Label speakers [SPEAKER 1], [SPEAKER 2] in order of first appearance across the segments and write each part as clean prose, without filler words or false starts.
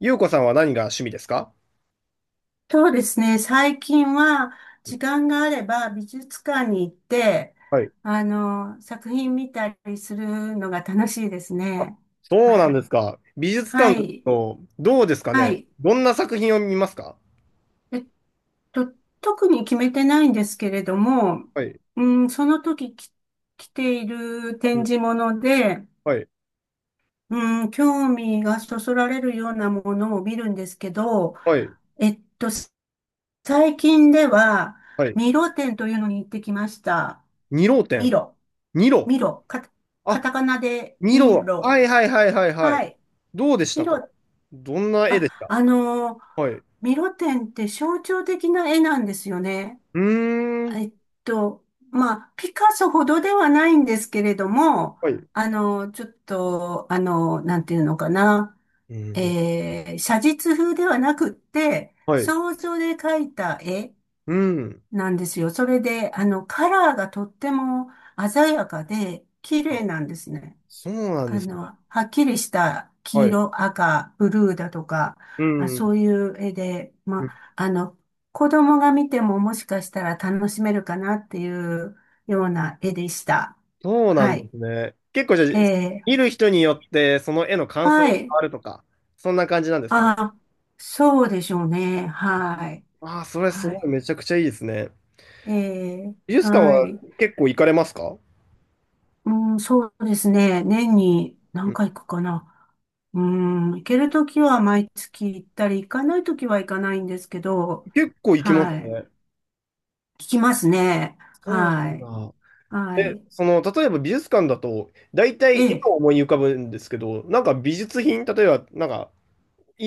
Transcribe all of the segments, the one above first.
[SPEAKER 1] ゆうこさんは何が趣味ですか？
[SPEAKER 2] そうですね。最近は、時間があれば美術館に行って、
[SPEAKER 1] はい。
[SPEAKER 2] 作品見たりするのが楽しいですね。
[SPEAKER 1] そう
[SPEAKER 2] は
[SPEAKER 1] なん
[SPEAKER 2] い。
[SPEAKER 1] ですか。美術
[SPEAKER 2] は
[SPEAKER 1] 館だ
[SPEAKER 2] い。
[SPEAKER 1] と、どうですか
[SPEAKER 2] は
[SPEAKER 1] ね。
[SPEAKER 2] い。
[SPEAKER 1] どんな作品を見ますか？
[SPEAKER 2] えっと、特に決めてないんですけれども、
[SPEAKER 1] はい。
[SPEAKER 2] うん、その時き来ている
[SPEAKER 1] う
[SPEAKER 2] 展
[SPEAKER 1] ん。
[SPEAKER 2] 示物で、
[SPEAKER 1] はい。
[SPEAKER 2] うん、興味がそそられるようなものを見るんですけど、
[SPEAKER 1] はい。
[SPEAKER 2] えっと、最近では、
[SPEAKER 1] はい。
[SPEAKER 2] ミロ展というのに行ってきました。
[SPEAKER 1] 二郎
[SPEAKER 2] ミ
[SPEAKER 1] 展。
[SPEAKER 2] ロ。
[SPEAKER 1] 二郎。
[SPEAKER 2] ミロ、か、カタ
[SPEAKER 1] あ、
[SPEAKER 2] カナで
[SPEAKER 1] 二
[SPEAKER 2] ミ
[SPEAKER 1] 郎。
[SPEAKER 2] ロ。
[SPEAKER 1] はいはいはいはいはい。
[SPEAKER 2] はい。
[SPEAKER 1] どうでし
[SPEAKER 2] ミ
[SPEAKER 1] たか？
[SPEAKER 2] ロ、
[SPEAKER 1] どんな絵
[SPEAKER 2] あ、
[SPEAKER 1] でした？はい。う
[SPEAKER 2] ミロ展って象徴的な絵なんですよね。
[SPEAKER 1] ーん。
[SPEAKER 2] えっと、まあ、ピカソほどではないんですけれども、
[SPEAKER 1] はい。
[SPEAKER 2] ちょっと、なんていうのかな、
[SPEAKER 1] うん。
[SPEAKER 2] 写実風ではなくって、
[SPEAKER 1] はい。
[SPEAKER 2] 想像で描いた絵
[SPEAKER 1] うん。
[SPEAKER 2] なんですよ。それで、あの、カラーがとっても鮮やかで、綺
[SPEAKER 1] あ、
[SPEAKER 2] 麗なんですね。
[SPEAKER 1] そうなんで
[SPEAKER 2] あ
[SPEAKER 1] すね。
[SPEAKER 2] の、はっきりした黄
[SPEAKER 1] はい。
[SPEAKER 2] 色、赤、ブルーだとか、
[SPEAKER 1] う
[SPEAKER 2] あ、
[SPEAKER 1] ん。う
[SPEAKER 2] そう
[SPEAKER 1] ん。
[SPEAKER 2] いう絵で、まあ、あの、子供が見てももしかしたら楽しめるかなっていうような絵でした。
[SPEAKER 1] そうな
[SPEAKER 2] は
[SPEAKER 1] んで
[SPEAKER 2] い。
[SPEAKER 1] すね。結構じゃあ、
[SPEAKER 2] え
[SPEAKER 1] 見る人によってその絵の
[SPEAKER 2] ー、
[SPEAKER 1] 感想が
[SPEAKER 2] は
[SPEAKER 1] 変
[SPEAKER 2] い。
[SPEAKER 1] わるとか、そんな感じなんですかね。
[SPEAKER 2] あ、そうでしょうね。はい。
[SPEAKER 1] ああ、それす
[SPEAKER 2] は
[SPEAKER 1] ごい
[SPEAKER 2] い。
[SPEAKER 1] めちゃくちゃいいですね。
[SPEAKER 2] えー、
[SPEAKER 1] 美術館
[SPEAKER 2] は
[SPEAKER 1] は
[SPEAKER 2] い。
[SPEAKER 1] 結構行かれますか？
[SPEAKER 2] うん、そうですね。年に
[SPEAKER 1] う
[SPEAKER 2] 何
[SPEAKER 1] ん、
[SPEAKER 2] 回行くかな。うん、行けるときは毎月行ったり、行かないときは行かないんですけど、
[SPEAKER 1] 結構行きます
[SPEAKER 2] はい。
[SPEAKER 1] ね。
[SPEAKER 2] 聞きますね。
[SPEAKER 1] そうな
[SPEAKER 2] は
[SPEAKER 1] ん
[SPEAKER 2] い。
[SPEAKER 1] だ。
[SPEAKER 2] は
[SPEAKER 1] で、
[SPEAKER 2] い。
[SPEAKER 1] その、例えば美術館だと、大体
[SPEAKER 2] え
[SPEAKER 1] 絵を
[SPEAKER 2] え。
[SPEAKER 1] 思い浮かぶんですけど、なんか美術品、例えば、なんか、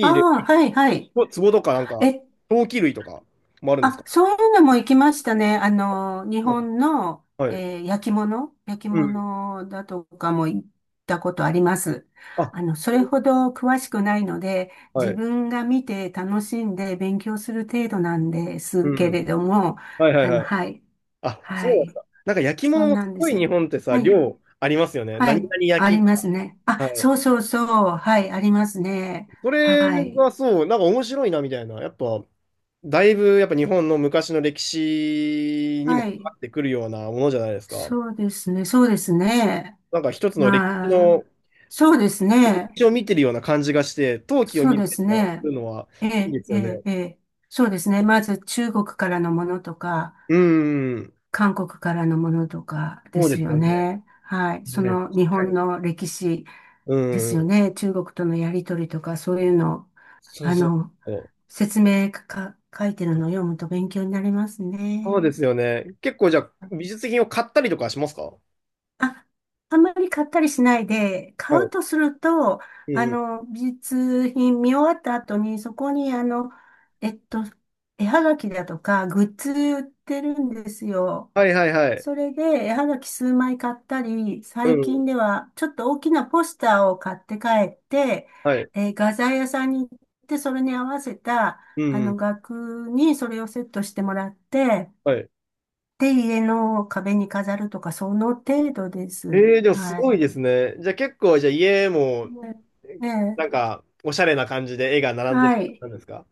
[SPEAKER 2] あ
[SPEAKER 1] い例、
[SPEAKER 2] あ、はい、はい。
[SPEAKER 1] 壺とか、なんか、
[SPEAKER 2] えっ
[SPEAKER 1] 陶器類とかもあるんです
[SPEAKER 2] あ、
[SPEAKER 1] か？
[SPEAKER 2] そういうのも行きましたね。あの、日
[SPEAKER 1] うん、
[SPEAKER 2] 本の、
[SPEAKER 1] はい。
[SPEAKER 2] 焼き物、焼き
[SPEAKER 1] うん。
[SPEAKER 2] 物だとかも行ったことあります。
[SPEAKER 1] あ、
[SPEAKER 2] あの、それほど詳しくないので、
[SPEAKER 1] は
[SPEAKER 2] 自
[SPEAKER 1] い。
[SPEAKER 2] 分が見て楽しんで勉強する程度なんで
[SPEAKER 1] う
[SPEAKER 2] すけ
[SPEAKER 1] ん。
[SPEAKER 2] れども、
[SPEAKER 1] はいはい
[SPEAKER 2] あの、
[SPEAKER 1] はい。
[SPEAKER 2] はい、
[SPEAKER 1] あ、
[SPEAKER 2] は
[SPEAKER 1] そうだっ
[SPEAKER 2] い、
[SPEAKER 1] た。なんか焼き
[SPEAKER 2] そ
[SPEAKER 1] 物
[SPEAKER 2] ん
[SPEAKER 1] も
[SPEAKER 2] な
[SPEAKER 1] す
[SPEAKER 2] んで
[SPEAKER 1] ご
[SPEAKER 2] す
[SPEAKER 1] い
[SPEAKER 2] よ。
[SPEAKER 1] 日本ってさ、
[SPEAKER 2] はい、
[SPEAKER 1] 量ありますよね。
[SPEAKER 2] は
[SPEAKER 1] 何
[SPEAKER 2] い、
[SPEAKER 1] 々
[SPEAKER 2] あ
[SPEAKER 1] 焼き
[SPEAKER 2] り
[SPEAKER 1] と
[SPEAKER 2] ます
[SPEAKER 1] か。
[SPEAKER 2] ね。あ、
[SPEAKER 1] はい。
[SPEAKER 2] そうそうそう、はい、ありますね。
[SPEAKER 1] それ
[SPEAKER 2] はい、
[SPEAKER 1] がそう、なんか面白いなみたいな。やっぱ、だいぶやっぱ日本の昔の歴史にも
[SPEAKER 2] は
[SPEAKER 1] 関わ
[SPEAKER 2] い、
[SPEAKER 1] ってくるようなものじゃないですか。
[SPEAKER 2] そうですね。
[SPEAKER 1] なんか一つの歴史
[SPEAKER 2] ま
[SPEAKER 1] の、
[SPEAKER 2] あ、そうです
[SPEAKER 1] 歴
[SPEAKER 2] ね。
[SPEAKER 1] 史を見てるような感じがして、陶器を
[SPEAKER 2] そう
[SPEAKER 1] 見
[SPEAKER 2] で
[SPEAKER 1] る
[SPEAKER 2] す
[SPEAKER 1] とか、そ
[SPEAKER 2] ね。
[SPEAKER 1] ういうのは
[SPEAKER 2] え
[SPEAKER 1] いい
[SPEAKER 2] え、
[SPEAKER 1] です
[SPEAKER 2] え
[SPEAKER 1] よね。
[SPEAKER 2] え、ええそうですね。まず中国からのものとか、
[SPEAKER 1] うん。
[SPEAKER 2] 韓国からのものとかで
[SPEAKER 1] そうで
[SPEAKER 2] す
[SPEAKER 1] す
[SPEAKER 2] よ
[SPEAKER 1] よね。
[SPEAKER 2] ね。はい。そ
[SPEAKER 1] はい。確
[SPEAKER 2] の日
[SPEAKER 1] か
[SPEAKER 2] 本
[SPEAKER 1] に。
[SPEAKER 2] の歴史
[SPEAKER 1] う
[SPEAKER 2] ですよ
[SPEAKER 1] ん。
[SPEAKER 2] ね。中国とのやりとりとか、そういうの、
[SPEAKER 1] そう
[SPEAKER 2] あ
[SPEAKER 1] そ
[SPEAKER 2] の、
[SPEAKER 1] う。
[SPEAKER 2] 説明か、書いてるのを読むと勉強になります
[SPEAKER 1] そう
[SPEAKER 2] ね。
[SPEAKER 1] ですよね。結構じゃあ、美術品を買ったりとかしますか？
[SPEAKER 2] あ、あんまり買ったりしないで、
[SPEAKER 1] は
[SPEAKER 2] 買う
[SPEAKER 1] い。
[SPEAKER 2] とすると、
[SPEAKER 1] う
[SPEAKER 2] あ
[SPEAKER 1] ん。
[SPEAKER 2] の、美術品見終わった後に、そこに、あの、えっと、絵はがきだとか、グッズ売ってるんですよ。
[SPEAKER 1] はいはいはい。
[SPEAKER 2] それで、絵はがき数枚買ったり、
[SPEAKER 1] う
[SPEAKER 2] 最
[SPEAKER 1] ん。
[SPEAKER 2] 近では、ちょっと大きなポスターを買って帰って、
[SPEAKER 1] はい。
[SPEAKER 2] 画材屋さんに行って、それに合わせた、
[SPEAKER 1] う
[SPEAKER 2] あの、
[SPEAKER 1] ん。
[SPEAKER 2] 額にそれをセットしてもらって、
[SPEAKER 1] はい。
[SPEAKER 2] で、家の壁に飾るとか、その程度です。
[SPEAKER 1] ええ、でもす
[SPEAKER 2] は
[SPEAKER 1] ごい
[SPEAKER 2] い。
[SPEAKER 1] ですね。じゃあ結構、じゃあ家も、
[SPEAKER 2] ねえ
[SPEAKER 1] なん
[SPEAKER 2] え、
[SPEAKER 1] か、おしゃれな感じで絵が並んで
[SPEAKER 2] は
[SPEAKER 1] る感じ
[SPEAKER 2] い。
[SPEAKER 1] なんですか？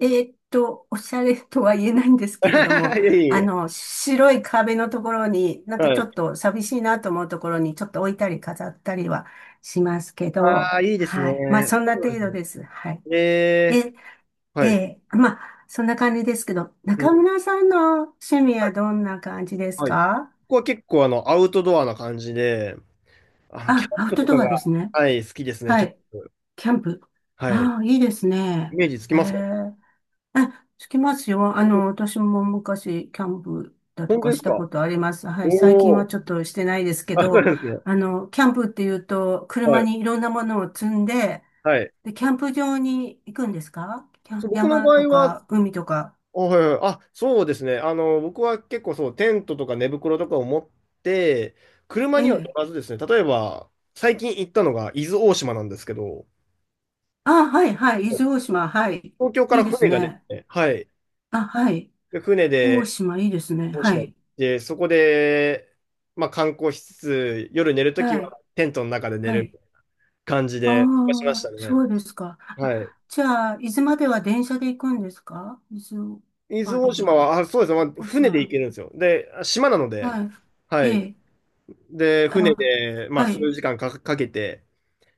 [SPEAKER 2] おしゃれとは言えないんです けれども、
[SPEAKER 1] いやいやい
[SPEAKER 2] あ
[SPEAKER 1] や。
[SPEAKER 2] の、白い壁のところに、なんか
[SPEAKER 1] は
[SPEAKER 2] ちょ
[SPEAKER 1] い。
[SPEAKER 2] っと寂しいなと思うところに、ちょっと置いたり飾ったりはしますけ
[SPEAKER 1] あ
[SPEAKER 2] ど、
[SPEAKER 1] あ、いいです
[SPEAKER 2] はい。まあ、
[SPEAKER 1] ね。
[SPEAKER 2] そん
[SPEAKER 1] そ
[SPEAKER 2] な
[SPEAKER 1] うなん
[SPEAKER 2] 程
[SPEAKER 1] です
[SPEAKER 2] 度
[SPEAKER 1] ね。
[SPEAKER 2] です。はい。
[SPEAKER 1] ええ。
[SPEAKER 2] え、
[SPEAKER 1] はい。
[SPEAKER 2] まあ、そんな感じですけど、
[SPEAKER 1] う
[SPEAKER 2] 中
[SPEAKER 1] ん。
[SPEAKER 2] 村さんの趣味
[SPEAKER 1] は
[SPEAKER 2] は
[SPEAKER 1] い。
[SPEAKER 2] どんな感じです
[SPEAKER 1] はい。こ
[SPEAKER 2] か？
[SPEAKER 1] こは結構あの、アウトドアな感じで、あ、キ
[SPEAKER 2] あ、
[SPEAKER 1] ャン
[SPEAKER 2] アウ
[SPEAKER 1] プ
[SPEAKER 2] ト
[SPEAKER 1] とか
[SPEAKER 2] ドア
[SPEAKER 1] が、
[SPEAKER 2] ですね。
[SPEAKER 1] はい、好きですね、
[SPEAKER 2] は
[SPEAKER 1] キャン
[SPEAKER 2] い。
[SPEAKER 1] プ。
[SPEAKER 2] キャンプ。
[SPEAKER 1] はい。
[SPEAKER 2] ああ、いいです
[SPEAKER 1] イ
[SPEAKER 2] ね。
[SPEAKER 1] メージつき
[SPEAKER 2] へ
[SPEAKER 1] ますか？
[SPEAKER 2] え。え、つきますよ。あの、私も昔、キャンプだと
[SPEAKER 1] 本当
[SPEAKER 2] か
[SPEAKER 1] で
[SPEAKER 2] し
[SPEAKER 1] す
[SPEAKER 2] た
[SPEAKER 1] か？
[SPEAKER 2] ことあります。はい。最近
[SPEAKER 1] お
[SPEAKER 2] は
[SPEAKER 1] おー。
[SPEAKER 2] ちょっとしてないですけ
[SPEAKER 1] あ、そう
[SPEAKER 2] ど、
[SPEAKER 1] なんですね。
[SPEAKER 2] あの、キャンプっていうと、
[SPEAKER 1] は
[SPEAKER 2] 車
[SPEAKER 1] い。
[SPEAKER 2] にいろんなものを積んで、
[SPEAKER 1] はい。
[SPEAKER 2] で、キャンプ場に行くんですか？キャ
[SPEAKER 1] そ
[SPEAKER 2] ン
[SPEAKER 1] う、僕の
[SPEAKER 2] 山
[SPEAKER 1] 場
[SPEAKER 2] と
[SPEAKER 1] 合は、
[SPEAKER 2] か、海とか。
[SPEAKER 1] あ、はいはい、あ、そうですね。あの、僕は結構そう、テントとか寝袋とかを持って、車
[SPEAKER 2] え
[SPEAKER 1] には乗
[SPEAKER 2] え。
[SPEAKER 1] らずですね、例えば、最近行ったのが伊豆大島なんですけど、
[SPEAKER 2] あ、はい、はい。伊豆大島。はい。
[SPEAKER 1] 東京か
[SPEAKER 2] い
[SPEAKER 1] ら
[SPEAKER 2] いです
[SPEAKER 1] 船が出
[SPEAKER 2] ね。
[SPEAKER 1] て、はい。
[SPEAKER 2] あ、はい。
[SPEAKER 1] で、船
[SPEAKER 2] 大
[SPEAKER 1] で
[SPEAKER 2] 島、いいですね。
[SPEAKER 1] 大
[SPEAKER 2] は
[SPEAKER 1] 島行っ
[SPEAKER 2] い。
[SPEAKER 1] て、そこで、まあ観光しつつ、夜寝るとき
[SPEAKER 2] はい。
[SPEAKER 1] はテントの中で寝
[SPEAKER 2] は
[SPEAKER 1] る
[SPEAKER 2] い。
[SPEAKER 1] 感じ
[SPEAKER 2] あ
[SPEAKER 1] でしまし
[SPEAKER 2] あ、
[SPEAKER 1] たね。
[SPEAKER 2] そうですか。あ、
[SPEAKER 1] はい。
[SPEAKER 2] じゃあ、伊豆までは電車で行くんですか？伊豆
[SPEAKER 1] 伊
[SPEAKER 2] ま
[SPEAKER 1] 豆
[SPEAKER 2] で
[SPEAKER 1] 大島
[SPEAKER 2] は。
[SPEAKER 1] は、あ、そうですね。まあ
[SPEAKER 2] 小
[SPEAKER 1] 船で行
[SPEAKER 2] 島。
[SPEAKER 1] けるんですよ。で、島なので、
[SPEAKER 2] は
[SPEAKER 1] は
[SPEAKER 2] い。え
[SPEAKER 1] い。
[SPEAKER 2] え。
[SPEAKER 1] で、船
[SPEAKER 2] あ、
[SPEAKER 1] で、まあ、
[SPEAKER 2] は
[SPEAKER 1] 数
[SPEAKER 2] い。
[SPEAKER 1] 時間か、かけて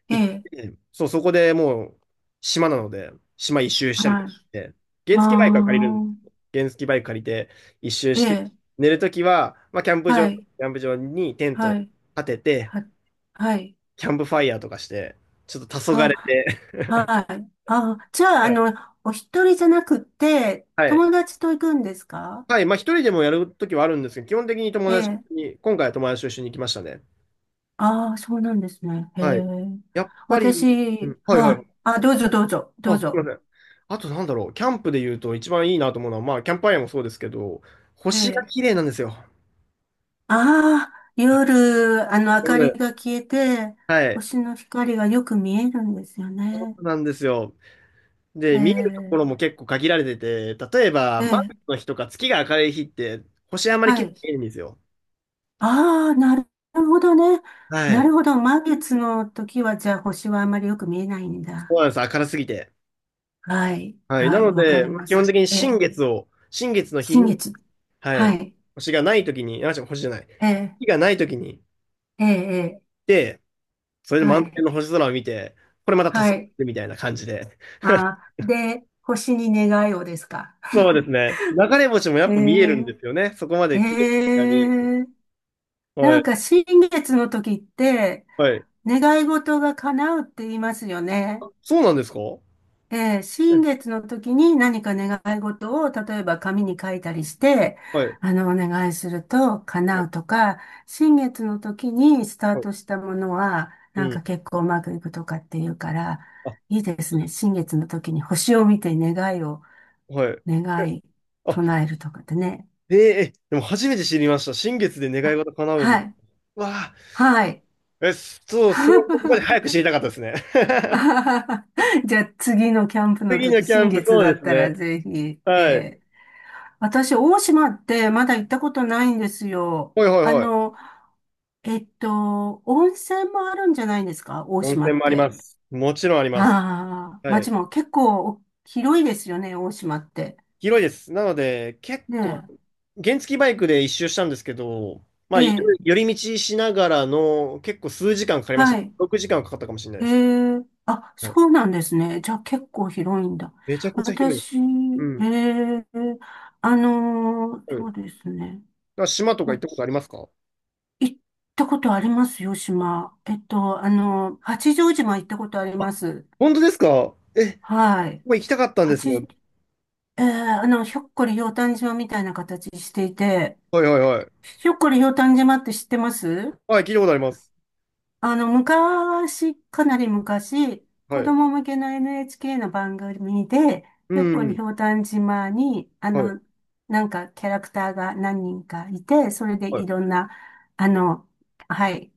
[SPEAKER 2] え
[SPEAKER 1] 行っ
[SPEAKER 2] え。
[SPEAKER 1] て、そう、そこでもう、島なので、島一周したり
[SPEAKER 2] は
[SPEAKER 1] と
[SPEAKER 2] い。
[SPEAKER 1] かして、
[SPEAKER 2] あ
[SPEAKER 1] 原付バイクは借りるんですけ
[SPEAKER 2] あ、
[SPEAKER 1] ど、原付バイク借りて一周
[SPEAKER 2] え
[SPEAKER 1] して、
[SPEAKER 2] え。
[SPEAKER 1] 寝るときは、まあ、キャンプ場、
[SPEAKER 2] はい。
[SPEAKER 1] キャンプ場にテント
[SPEAKER 2] は
[SPEAKER 1] を
[SPEAKER 2] い。
[SPEAKER 1] 立てて、
[SPEAKER 2] は、はい。
[SPEAKER 1] キャンプファイヤーとかして、ちょっと黄昏
[SPEAKER 2] あ、
[SPEAKER 1] て、
[SPEAKER 2] はい。あ、じゃ あ、あ
[SPEAKER 1] はい
[SPEAKER 2] の、お一人じゃなくて、
[SPEAKER 1] はい。
[SPEAKER 2] 友達と行くんですか？
[SPEAKER 1] はい。まあ、一人でもやるときはあるんですけど、基本的に友
[SPEAKER 2] え
[SPEAKER 1] 達と一緒
[SPEAKER 2] え。
[SPEAKER 1] に、今回は友達と一緒に行きましたね。
[SPEAKER 2] ああ、そうなんですね。へ
[SPEAKER 1] はい。
[SPEAKER 2] え。
[SPEAKER 1] やっぱり、う
[SPEAKER 2] 私、
[SPEAKER 1] ん、はいは
[SPEAKER 2] は
[SPEAKER 1] い。
[SPEAKER 2] い。あ、どうぞどうぞ、ど
[SPEAKER 1] あ、
[SPEAKER 2] う
[SPEAKER 1] すいま
[SPEAKER 2] ぞ。
[SPEAKER 1] せん。あとなんだろう、キャンプで言うと一番いいなと思うのは、まあ、キャンプファイアもそうですけど、
[SPEAKER 2] え
[SPEAKER 1] 星が
[SPEAKER 2] え。
[SPEAKER 1] 綺麗なんですよ。
[SPEAKER 2] ああ、
[SPEAKER 1] はい、
[SPEAKER 2] 夜、あの、明
[SPEAKER 1] なの
[SPEAKER 2] かり
[SPEAKER 1] で、
[SPEAKER 2] が消えて、
[SPEAKER 1] はい。
[SPEAKER 2] 星の光がよく見えるんですよ
[SPEAKER 1] そ
[SPEAKER 2] ね。
[SPEAKER 1] うなんですよ。で、
[SPEAKER 2] え
[SPEAKER 1] 見えるところ
[SPEAKER 2] え、
[SPEAKER 1] も結構限られてて、例えば、
[SPEAKER 2] え
[SPEAKER 1] 満月
[SPEAKER 2] え、
[SPEAKER 1] の日とか月が明るい日って、星あんまり
[SPEAKER 2] は
[SPEAKER 1] 綺麗に
[SPEAKER 2] い。
[SPEAKER 1] 見えないんですよ。
[SPEAKER 2] ああ、なるほどね。
[SPEAKER 1] は
[SPEAKER 2] な
[SPEAKER 1] い。
[SPEAKER 2] るほど。満月の時は、じゃあ星はあまりよく見えないん
[SPEAKER 1] そ
[SPEAKER 2] だ。
[SPEAKER 1] うなんです。明るすぎて。
[SPEAKER 2] はい、
[SPEAKER 1] はい。な
[SPEAKER 2] はい、
[SPEAKER 1] の
[SPEAKER 2] わか
[SPEAKER 1] で、
[SPEAKER 2] り
[SPEAKER 1] まあ
[SPEAKER 2] ま
[SPEAKER 1] 基
[SPEAKER 2] す。
[SPEAKER 1] 本的に
[SPEAKER 2] え
[SPEAKER 1] 新
[SPEAKER 2] え、
[SPEAKER 1] 月を、新月の日
[SPEAKER 2] 新
[SPEAKER 1] に、
[SPEAKER 2] 月。
[SPEAKER 1] は
[SPEAKER 2] は
[SPEAKER 1] い。
[SPEAKER 2] い、
[SPEAKER 1] 星がない時に、あ、違う、星じゃない。
[SPEAKER 2] ええ、
[SPEAKER 1] 月がない時に、
[SPEAKER 2] ええ、ええ
[SPEAKER 1] で、それで
[SPEAKER 2] は
[SPEAKER 1] 満天
[SPEAKER 2] い、
[SPEAKER 1] の星空を見て、これまた黄
[SPEAKER 2] は
[SPEAKER 1] 昏
[SPEAKER 2] い。
[SPEAKER 1] みたいな感じで。
[SPEAKER 2] あ あ、で、星に願いをですか。
[SPEAKER 1] そうですね。流れ星も や
[SPEAKER 2] え
[SPEAKER 1] っぱ見えるん
[SPEAKER 2] え、
[SPEAKER 1] ですよね。そこま
[SPEAKER 2] え
[SPEAKER 1] で綺麗に見えると。
[SPEAKER 2] え、
[SPEAKER 1] は
[SPEAKER 2] なん
[SPEAKER 1] い。
[SPEAKER 2] か新月の時って
[SPEAKER 1] はい。
[SPEAKER 2] 願い事が叶うって言いますよね。
[SPEAKER 1] そうなんですか？
[SPEAKER 2] で、新月の時に何か願い事を例えば紙に書いたりして、
[SPEAKER 1] はい。
[SPEAKER 2] あの、お願いすると
[SPEAKER 1] は
[SPEAKER 2] 叶
[SPEAKER 1] い。
[SPEAKER 2] うとか、新月の時にスタ
[SPEAKER 1] は
[SPEAKER 2] ー
[SPEAKER 1] い。
[SPEAKER 2] トしたものは
[SPEAKER 1] う
[SPEAKER 2] なん
[SPEAKER 1] ん。
[SPEAKER 2] か結構うまくいくとかっていうから、
[SPEAKER 1] あ、
[SPEAKER 2] いいですね。新月の時に星を見て願いを、
[SPEAKER 1] はい。
[SPEAKER 2] 願
[SPEAKER 1] え
[SPEAKER 2] い
[SPEAKER 1] あ、
[SPEAKER 2] 唱えるとかってね。
[SPEAKER 1] えーえ、でも初めて知りました。新月で願い
[SPEAKER 2] あ、
[SPEAKER 1] 事叶うんで
[SPEAKER 2] は
[SPEAKER 1] す。
[SPEAKER 2] い、
[SPEAKER 1] わ
[SPEAKER 2] はい。
[SPEAKER 1] あ、え、そう、そういうとこまで 早く知りたかったですね。
[SPEAKER 2] あ ははじゃあ次のキャンプの
[SPEAKER 1] 次の
[SPEAKER 2] 時、
[SPEAKER 1] キャ
[SPEAKER 2] 新
[SPEAKER 1] ンプ、
[SPEAKER 2] 月
[SPEAKER 1] そ
[SPEAKER 2] だ
[SPEAKER 1] うで
[SPEAKER 2] っ
[SPEAKER 1] す
[SPEAKER 2] たら
[SPEAKER 1] ね。
[SPEAKER 2] ぜひ、え
[SPEAKER 1] はい。
[SPEAKER 2] え私、大島ってまだ行ったことないんですよ。
[SPEAKER 1] はいはい
[SPEAKER 2] あ
[SPEAKER 1] はい。
[SPEAKER 2] の、温泉もあるんじゃないんですか？大
[SPEAKER 1] 温
[SPEAKER 2] 島
[SPEAKER 1] 泉
[SPEAKER 2] っ
[SPEAKER 1] もありま
[SPEAKER 2] て。
[SPEAKER 1] す。もちろんあります。
[SPEAKER 2] ああ、
[SPEAKER 1] はい。
[SPEAKER 2] 街も結構広いですよね、大島って。
[SPEAKER 1] 広いです。なので、結
[SPEAKER 2] ね
[SPEAKER 1] 構原付バイクで一周したんですけど、ま
[SPEAKER 2] え、
[SPEAKER 1] あ、寄
[SPEAKER 2] ええ、
[SPEAKER 1] り道しながらの結構数時間かかりまし
[SPEAKER 2] は
[SPEAKER 1] た。
[SPEAKER 2] い。
[SPEAKER 1] 6時間かんはかかったかもしれない
[SPEAKER 2] え
[SPEAKER 1] です。
[SPEAKER 2] え、あ、
[SPEAKER 1] はい。
[SPEAKER 2] そうなんですね。じゃあ結構広いんだ。
[SPEAKER 1] めちゃくちゃ広いです。
[SPEAKER 2] 私、
[SPEAKER 1] うん。
[SPEAKER 2] ええ、あの、
[SPEAKER 1] はい。
[SPEAKER 2] そ
[SPEAKER 1] だ
[SPEAKER 2] う
[SPEAKER 1] か
[SPEAKER 2] ですね。
[SPEAKER 1] ら島とか行ったことありますか？
[SPEAKER 2] 行ったことありますよ、島。えっと、あの、八丈島行ったことありま
[SPEAKER 1] あ、
[SPEAKER 2] す。
[SPEAKER 1] 本当ですか？え、こ
[SPEAKER 2] はい。
[SPEAKER 1] こ行きたかったんです
[SPEAKER 2] 八、
[SPEAKER 1] よ。
[SPEAKER 2] えー、あの、ひょっこりひょうたん島みたいな形していて、
[SPEAKER 1] はいはいはい。
[SPEAKER 2] ひょっこりひょうたん島って知ってます？
[SPEAKER 1] はい、聞いたことあります。
[SPEAKER 2] あの、昔、かなり昔、子
[SPEAKER 1] はい。
[SPEAKER 2] 供向けの NHK の番組で、
[SPEAKER 1] う
[SPEAKER 2] ひょっこり
[SPEAKER 1] ん。
[SPEAKER 2] ひょうたん島に、あ
[SPEAKER 1] はい。
[SPEAKER 2] の、なんかキャラクターが何人かいて、それで
[SPEAKER 1] はい。
[SPEAKER 2] いろんな、あの、はい、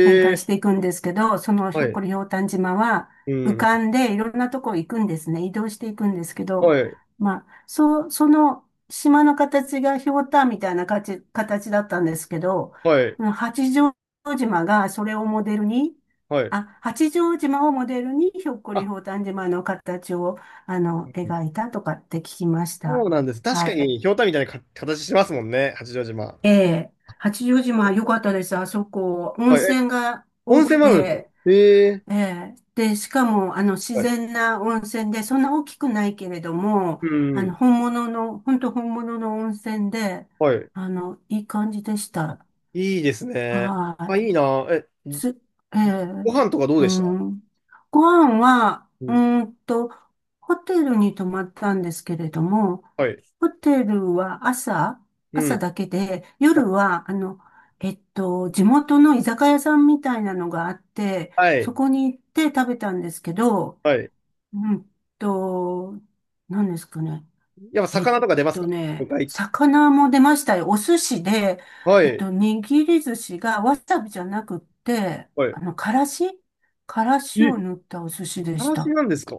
[SPEAKER 2] 展開し
[SPEAKER 1] え。
[SPEAKER 2] ていくんですけど、そのひ
[SPEAKER 1] は
[SPEAKER 2] ょっこ
[SPEAKER 1] い。
[SPEAKER 2] りひょうたん島は
[SPEAKER 1] う
[SPEAKER 2] 浮か
[SPEAKER 1] ん。
[SPEAKER 2] んでいろんなとこ行くんですね。移動していくんですけど、
[SPEAKER 1] はい。
[SPEAKER 2] まあ、そう、その島の形がひょうたんみたいな形だったんですけど、
[SPEAKER 1] はい。
[SPEAKER 2] その八丈島がそれをモデルに、
[SPEAKER 1] はい。
[SPEAKER 2] あ、八丈島をモデルにひょっこりひ
[SPEAKER 1] あ、
[SPEAKER 2] ょうたん島の形を、あの、描いたとかって聞きまし
[SPEAKER 1] そ
[SPEAKER 2] た。
[SPEAKER 1] うなんです。確
[SPEAKER 2] は
[SPEAKER 1] かに、
[SPEAKER 2] い。
[SPEAKER 1] ひょうたんみたいなか形してますもんね。八丈島。
[SPEAKER 2] ええ、八丈島良かったです。あそこ、温
[SPEAKER 1] はい。え、
[SPEAKER 2] 泉が
[SPEAKER 1] 温
[SPEAKER 2] 多く
[SPEAKER 1] 泉もあるんですか？
[SPEAKER 2] て、
[SPEAKER 1] ええ。
[SPEAKER 2] ええ。で、しかも、あの、自
[SPEAKER 1] はい。
[SPEAKER 2] 然な温泉で、そんな大きくないけれども、
[SPEAKER 1] う
[SPEAKER 2] あの、
[SPEAKER 1] ん。
[SPEAKER 2] 本物の、本当本物の温泉で、
[SPEAKER 1] はい。
[SPEAKER 2] あの、いい感じでし
[SPEAKER 1] あ、
[SPEAKER 2] た。
[SPEAKER 1] いいですね。
[SPEAKER 2] は
[SPEAKER 1] あ、い
[SPEAKER 2] い。
[SPEAKER 1] いな。え、
[SPEAKER 2] つ、ええ
[SPEAKER 1] ご飯とかどう
[SPEAKER 2] う
[SPEAKER 1] でした？
[SPEAKER 2] ん。ご飯は、
[SPEAKER 1] う
[SPEAKER 2] う
[SPEAKER 1] ん。
[SPEAKER 2] ーんと、ホテルに泊まったんですけれども、
[SPEAKER 1] はい。
[SPEAKER 2] ホテルは朝、
[SPEAKER 1] う
[SPEAKER 2] 朝
[SPEAKER 1] ん。
[SPEAKER 2] だけで、夜は、あの、地元の居酒屋さんみたいなのがあって、
[SPEAKER 1] は
[SPEAKER 2] そ
[SPEAKER 1] い。
[SPEAKER 2] こに行って食べたんですけど、
[SPEAKER 1] はい。
[SPEAKER 2] うんと、何ですかね。
[SPEAKER 1] やっぱ
[SPEAKER 2] えっ
[SPEAKER 1] 魚とか出ます
[SPEAKER 2] と
[SPEAKER 1] か？魚
[SPEAKER 2] ね、
[SPEAKER 1] 介。
[SPEAKER 2] 魚も出ましたよ。お寿司で、
[SPEAKER 1] は
[SPEAKER 2] えっと、
[SPEAKER 1] い。
[SPEAKER 2] 握り寿司がわさびじゃなくって、
[SPEAKER 1] はい。
[SPEAKER 2] あの、からしを
[SPEAKER 1] え、
[SPEAKER 2] 塗ったお寿司で
[SPEAKER 1] か
[SPEAKER 2] し
[SPEAKER 1] らし
[SPEAKER 2] た。
[SPEAKER 1] なんですか？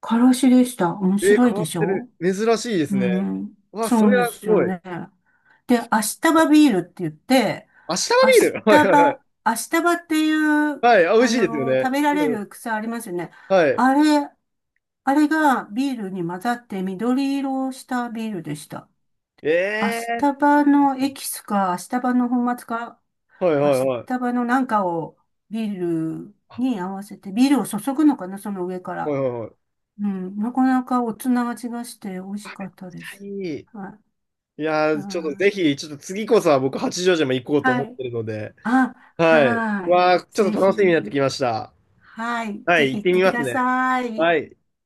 [SPEAKER 2] からしでした。面
[SPEAKER 1] えー、
[SPEAKER 2] 白い
[SPEAKER 1] 変
[SPEAKER 2] で
[SPEAKER 1] わっ
[SPEAKER 2] し
[SPEAKER 1] てる。
[SPEAKER 2] ょ？
[SPEAKER 1] 珍しいで
[SPEAKER 2] う
[SPEAKER 1] すね。
[SPEAKER 2] ん。
[SPEAKER 1] わ、そ
[SPEAKER 2] そう
[SPEAKER 1] れ
[SPEAKER 2] で
[SPEAKER 1] はす
[SPEAKER 2] すよ
[SPEAKER 1] ごい。
[SPEAKER 2] ね。で、明日バビールって言って、
[SPEAKER 1] 明日
[SPEAKER 2] 明
[SPEAKER 1] のビー
[SPEAKER 2] 日
[SPEAKER 1] ル。 はいはいはい。
[SPEAKER 2] 葉、明日葉っていう、
[SPEAKER 1] はい、あ、美味
[SPEAKER 2] あ
[SPEAKER 1] しいですよ
[SPEAKER 2] の、
[SPEAKER 1] ね。
[SPEAKER 2] 食べられ
[SPEAKER 1] うん。
[SPEAKER 2] る草ありますよね。
[SPEAKER 1] はい。
[SPEAKER 2] あれ、あれがビールに混ざって緑色をしたビールでした。明
[SPEAKER 1] ええ
[SPEAKER 2] 日葉のエキスか、明日葉の粉末か、
[SPEAKER 1] ー、はいは
[SPEAKER 2] 明
[SPEAKER 1] いは
[SPEAKER 2] 日
[SPEAKER 1] い。
[SPEAKER 2] 葉のなんかをビール
[SPEAKER 1] あ、
[SPEAKER 2] に合わせて、ビールを注ぐのかな、その上から。
[SPEAKER 1] はいはいはい。
[SPEAKER 2] うん、なかなかおつな味がして美味し
[SPEAKER 1] あ、
[SPEAKER 2] か
[SPEAKER 1] めっ
[SPEAKER 2] っ
[SPEAKER 1] ち
[SPEAKER 2] たで
[SPEAKER 1] ゃい
[SPEAKER 2] す。
[SPEAKER 1] い。い
[SPEAKER 2] はい。
[SPEAKER 1] やー、ちょっと
[SPEAKER 2] あ
[SPEAKER 1] ぜひ、ちょっと次こそは僕、八丈島行こうと思
[SPEAKER 2] は
[SPEAKER 1] っ
[SPEAKER 2] い。
[SPEAKER 1] てるので、
[SPEAKER 2] あ、
[SPEAKER 1] はい。
[SPEAKER 2] はい。
[SPEAKER 1] わー、ちょっ
[SPEAKER 2] ぜ
[SPEAKER 1] と
[SPEAKER 2] ひ、
[SPEAKER 1] 楽しみになってきました。
[SPEAKER 2] はい。
[SPEAKER 1] は
[SPEAKER 2] ぜ
[SPEAKER 1] い、
[SPEAKER 2] ひ
[SPEAKER 1] 行っ
[SPEAKER 2] 行っ
[SPEAKER 1] て
[SPEAKER 2] て
[SPEAKER 1] み
[SPEAKER 2] く
[SPEAKER 1] ます
[SPEAKER 2] だ
[SPEAKER 1] ね。
[SPEAKER 2] さい。
[SPEAKER 1] はい。